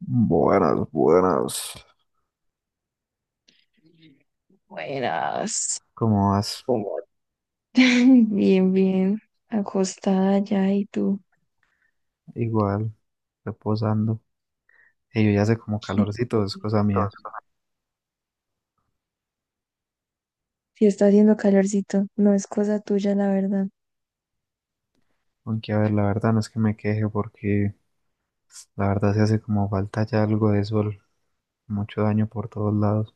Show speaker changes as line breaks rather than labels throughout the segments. Buenas, buenas.
Buenas.
¿Cómo vas?
¿Cómo? Bien, bien. Acostada ya, y tú.
Igual, reposando. Y yo ya hace como
Sí.
calorcito, es cosa mía.
Entonces, sí está haciendo calorcito. No es cosa tuya, la verdad.
Aunque a ver, la verdad no es que me queje porque la verdad se hace como falta ya algo de sol. Mucho daño por todos lados.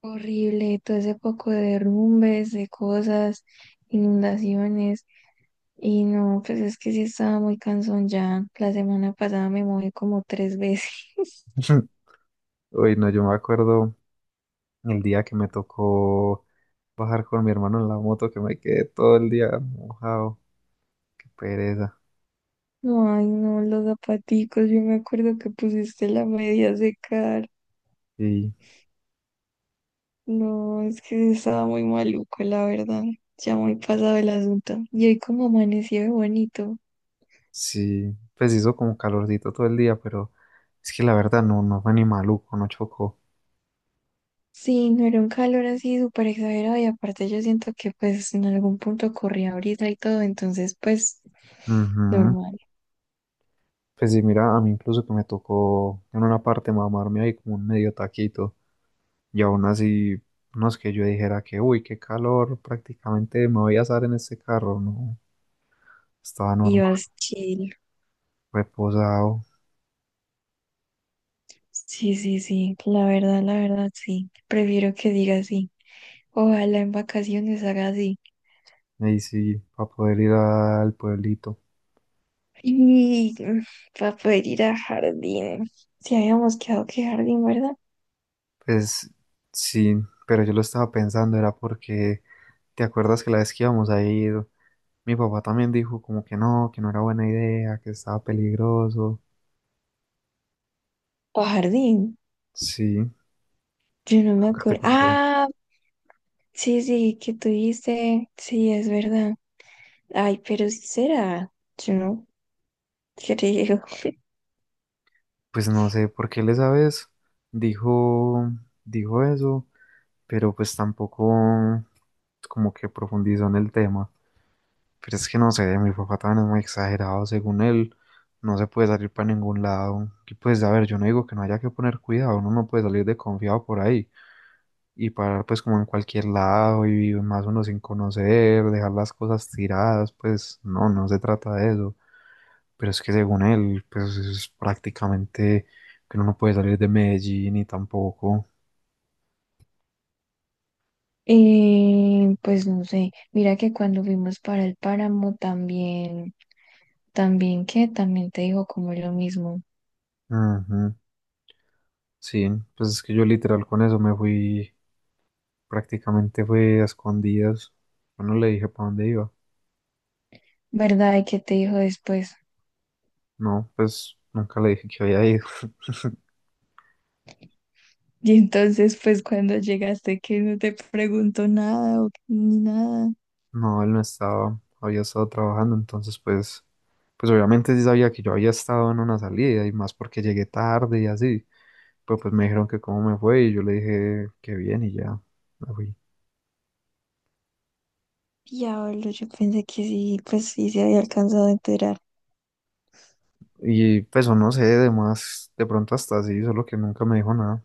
Horrible. Todo ese poco de derrumbes, de cosas, inundaciones. Y no, pues es que sí estaba muy cansón ya. La semana pasada me mojé como 3 veces.
Uy, no, yo me acuerdo el día que me tocó bajar con mi hermano en la moto que me quedé todo el día mojado. Qué pereza.
No, ay, no, los zapaticos. Yo me acuerdo que pusiste la media a secar.
Y
No, es que estaba muy maluco, la verdad. Ya muy pasado el asunto. Y hoy como amaneció de bonito.
sí, pues hizo como calorcito todo el día, pero es que la verdad no fue ni maluco, no chocó.
Sí, no era un calor así súper exagerado, y aparte yo siento que pues en algún punto corría brisa y todo, entonces pues
Ujú.
normal.
Pues sí, mira, a mí incluso que me tocó en una parte mamarme ahí como un medio taquito y aún así, no es que yo dijera que, uy, qué calor, prácticamente me voy a asar en este carro, no, estaba normal,
Ibas chill.
reposado,
Sí, sí, sí, la verdad, sí. Prefiero que diga así. Ojalá en vacaciones haga así.
ahí sí, para poder ir al pueblito.
Y para poder ir a jardín. Si habíamos quedado que jardín, ¿verdad?
Pues sí, pero yo lo estaba pensando, era porque, ¿te acuerdas que la vez que íbamos a ir, mi papá también dijo como que no era buena idea, que estaba peligroso,
Pa' jardín.
sí,
Yo no me
nunca te
acuerdo.
conté?
Ah, sí, sí, que tú dices. Sí, es verdad. Ay, pero sí será. Yo no creo.
Pues no sé por qué les sabes, dijo, dijo eso, pero pues tampoco como que profundizó en el tema. Pero es que no sé, mi papá también es muy exagerado, según él, no se puede salir para ningún lado. Y pues, a ver, yo no digo que no haya que poner cuidado, uno no puede salir desconfiado por ahí y parar pues como en cualquier lado y más uno sin conocer, dejar las cosas tiradas, pues no, no se trata de eso. Pero es que según él, pues es prácticamente que uno no puede salir de Medellín y tampoco.
Pues no sé. Mira que cuando fuimos para el páramo también, también que también te dijo como lo mismo.
Ujú, sí, pues es que yo literal con eso me fui, prácticamente fue a escondidas. Yo no le dije para dónde iba.
¿Verdad? ¿Y qué te dijo después?
No, pues nunca le dije que había ido.
Y entonces, pues cuando llegaste, ¿que no te preguntó nada o ni nada?
No, él no estaba, había estado trabajando, entonces pues, pues obviamente sí sabía que yo había estado en una salida y más porque llegué tarde y así. Pero pues me dijeron que cómo me fue y yo le dije que bien y ya me fui.
Diablo, yo pensé que sí, pues sí se había alcanzado a enterar.
Y pues o no sé, de más, de pronto hasta sí, solo que nunca me dijo nada.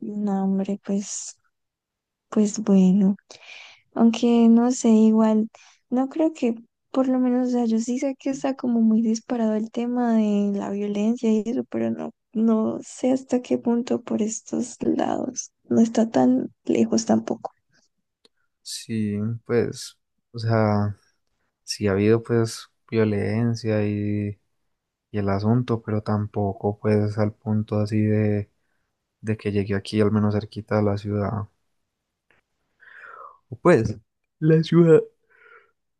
No, hombre, pues, pues bueno. Aunque no sé, igual, no creo que, por lo menos, o sea, yo sí sé que está como muy disparado el tema de la violencia y eso, pero no, no sé hasta qué punto por estos lados. No está tan lejos tampoco.
Sí, pues, o sea, sí ha habido pues violencia y el asunto, pero tampoco pues al punto así de que llegué aquí al menos cerquita de la ciudad. O pues, la ciudad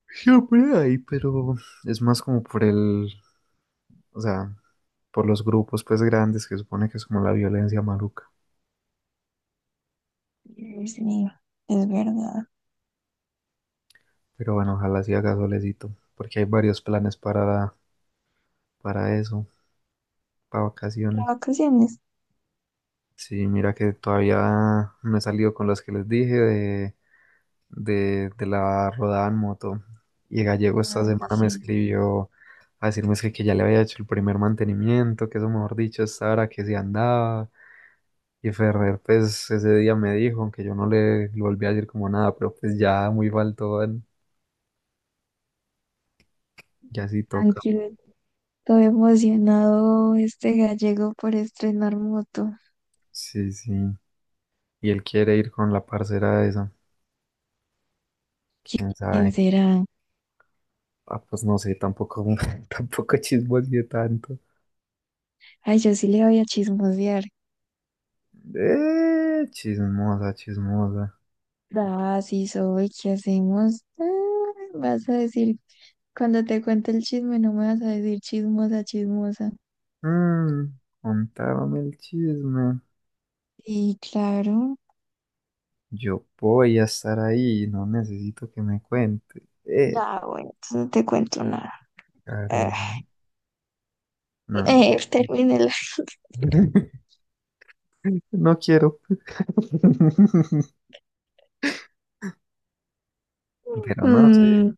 siempre hay, pero es más como por el, o sea, por los grupos pues grandes que supone que es como la violencia maluca.
Sí, es verdad.
Pero bueno, ojalá sí haga solecito, porque hay varios planes para eso, para
Las
vacaciones.
vacaciones.
Sí, mira que todavía no he salido con los que les dije de, de la rodada en moto. Y Gallego esta
Ah,
semana
pues
me
sí,
escribió a decirme es que ya le había hecho el primer mantenimiento, que eso mejor dicho, esta hora que se andaba. Y Ferrer, pues ese día me dijo, aunque yo no le, le volví a decir como nada, pero pues ya muy faltón, ya sí toca.
tranquilo. Todo emocionado este gallego por estrenar moto.
Sí, sí. Y él quiere ir con la parcera esa, quién
¿Quién
sabe.
será?
Ah, pues no sé, tampoco, tampoco chismoseé tanto.
Ay, yo sí le voy a chismosear.
Chismosa, chismosa.
Ah, sí soy. ¿Qué hacemos? Ah, vas a decir. Cuando te cuente el chisme, no me vas a decir chismosa, chismosa.
Mm, contaron el chisme.
Y claro.
Yo voy a estar ahí, no necesito que me cuente.
Da, bueno, entonces no te cuento nada. Ah.
Karen, no, no, no.
Termínela.
No quiero. Pero no sé,
Mm.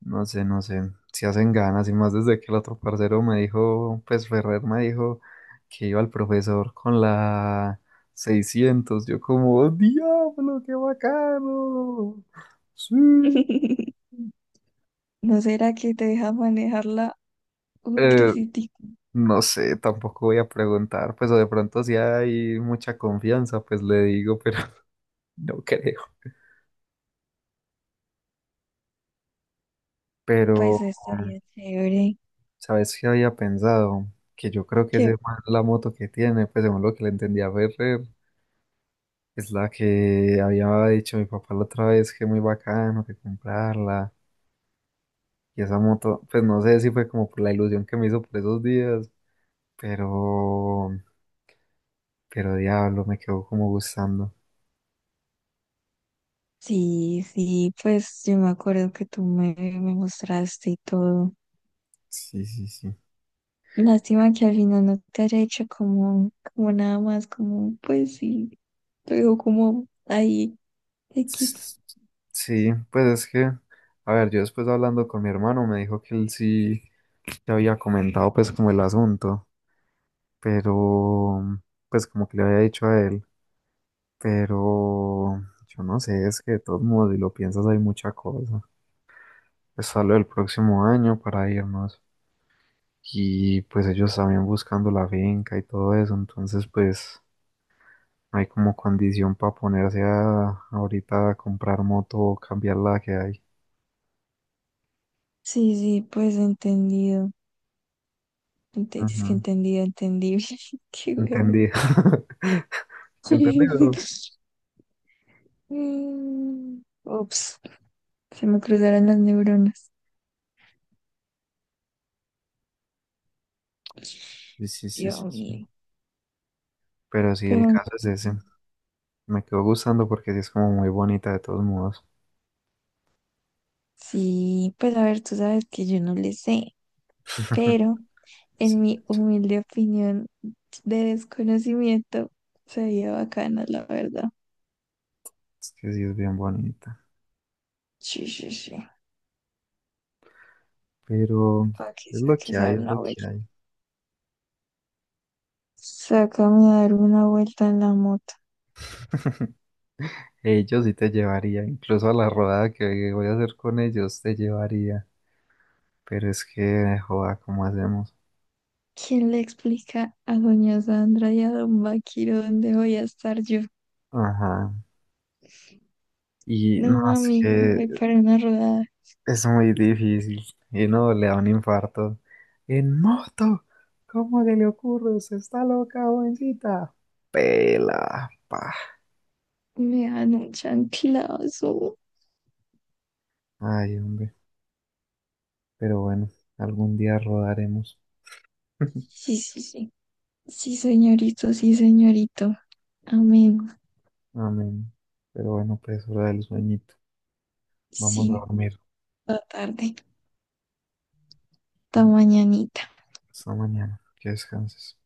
no sé, no sé. Si hacen ganas, y más desde que el otro parcero me dijo, pues Ferrer me dijo que iba al profesor con la 600. Yo como, diablo, qué bacano. Sí.
¿No será que te deja manejarla un
Eh,
tricitico?
no sé, tampoco voy a preguntar, pues o de pronto si hay mucha confianza, pues le digo, pero no creo. Pero,
Pues estaría chévere.
¿sabes qué había pensado? Que yo creo que
¿Qué?
ese man, la moto que tiene, pues según lo que le entendí a Ferrer, es la que había dicho mi papá la otra vez que muy bacano, que comprarla. Y esa moto, pues no sé si fue como por la ilusión que me hizo por esos días, pero, pero diablo, me quedó como gustando.
Sí, sí, pues yo me acuerdo que tú me mostraste y todo.
Sí, sí, sí.
Lástima que al final no te haya hecho como, como nada más, como, pues sí, te digo como ahí, X.
Sí, pues es que, a ver, yo después hablando con mi hermano me dijo que él sí le había comentado pues como el asunto, pero pues como que le había dicho a él, pero yo no sé, es que de todos modos si lo piensas hay mucha cosa. Pues hablo del próximo año para irnos y pues ellos también buscando la finca y todo eso, entonces pues no hay como condición para ponerse a ahorita a comprar moto o cambiar la que hay.
Sí, sí, pues entendido. Es que
Ujú,
entendido, entendible. Qué huevo.
entendí. ¿Entendido?
Mm, ups, se me cruzaron las neuronas.
Sí, sí, sí, sí,
Dios
sí.
mío.
Pero sí,
Pero
el
no
caso es ese.
sé.
Me quedó gustando porque sí es como muy bonita de todos modos.
Sí, pues a ver, tú sabes que yo no le sé, pero
Sí,
en mi humilde opinión de desconocimiento sería bacana, la verdad.
es que sí es bien bonita.
Sí, sí, sí.
Pero
Para que
es lo que
saques a
hay,
dar
es
una
lo
vuelta.
que hay.
Sácame a dar una vuelta en la moto.
Ellos sí te llevaría, incluso a la rodada que voy a hacer con ellos te llevaría. Pero es que, joda, ¿cómo hacemos?
¿Quién le explica a doña Sandra y a don Vaquiro dónde voy a estar yo?
Ajá. Y no,
No,
es
mami,
que
voy para una rodada.
es muy difícil. Y no, le da un infarto. En moto. ¿Cómo se le ocurre? ¿Se está loca, jovencita? Pela, pa.
Me dan un chanclazo.
Ay, hombre. Pero bueno, algún día rodaremos.
Sí, sí, sí. Sí, señorito, sí, señorito. Amén.
Amén. Pero bueno, pues hora del sueñito. Vamos a
Sí,
dormir.
toda tarde, toda
Bueno,
mañanita.
hasta mañana. Que descanses.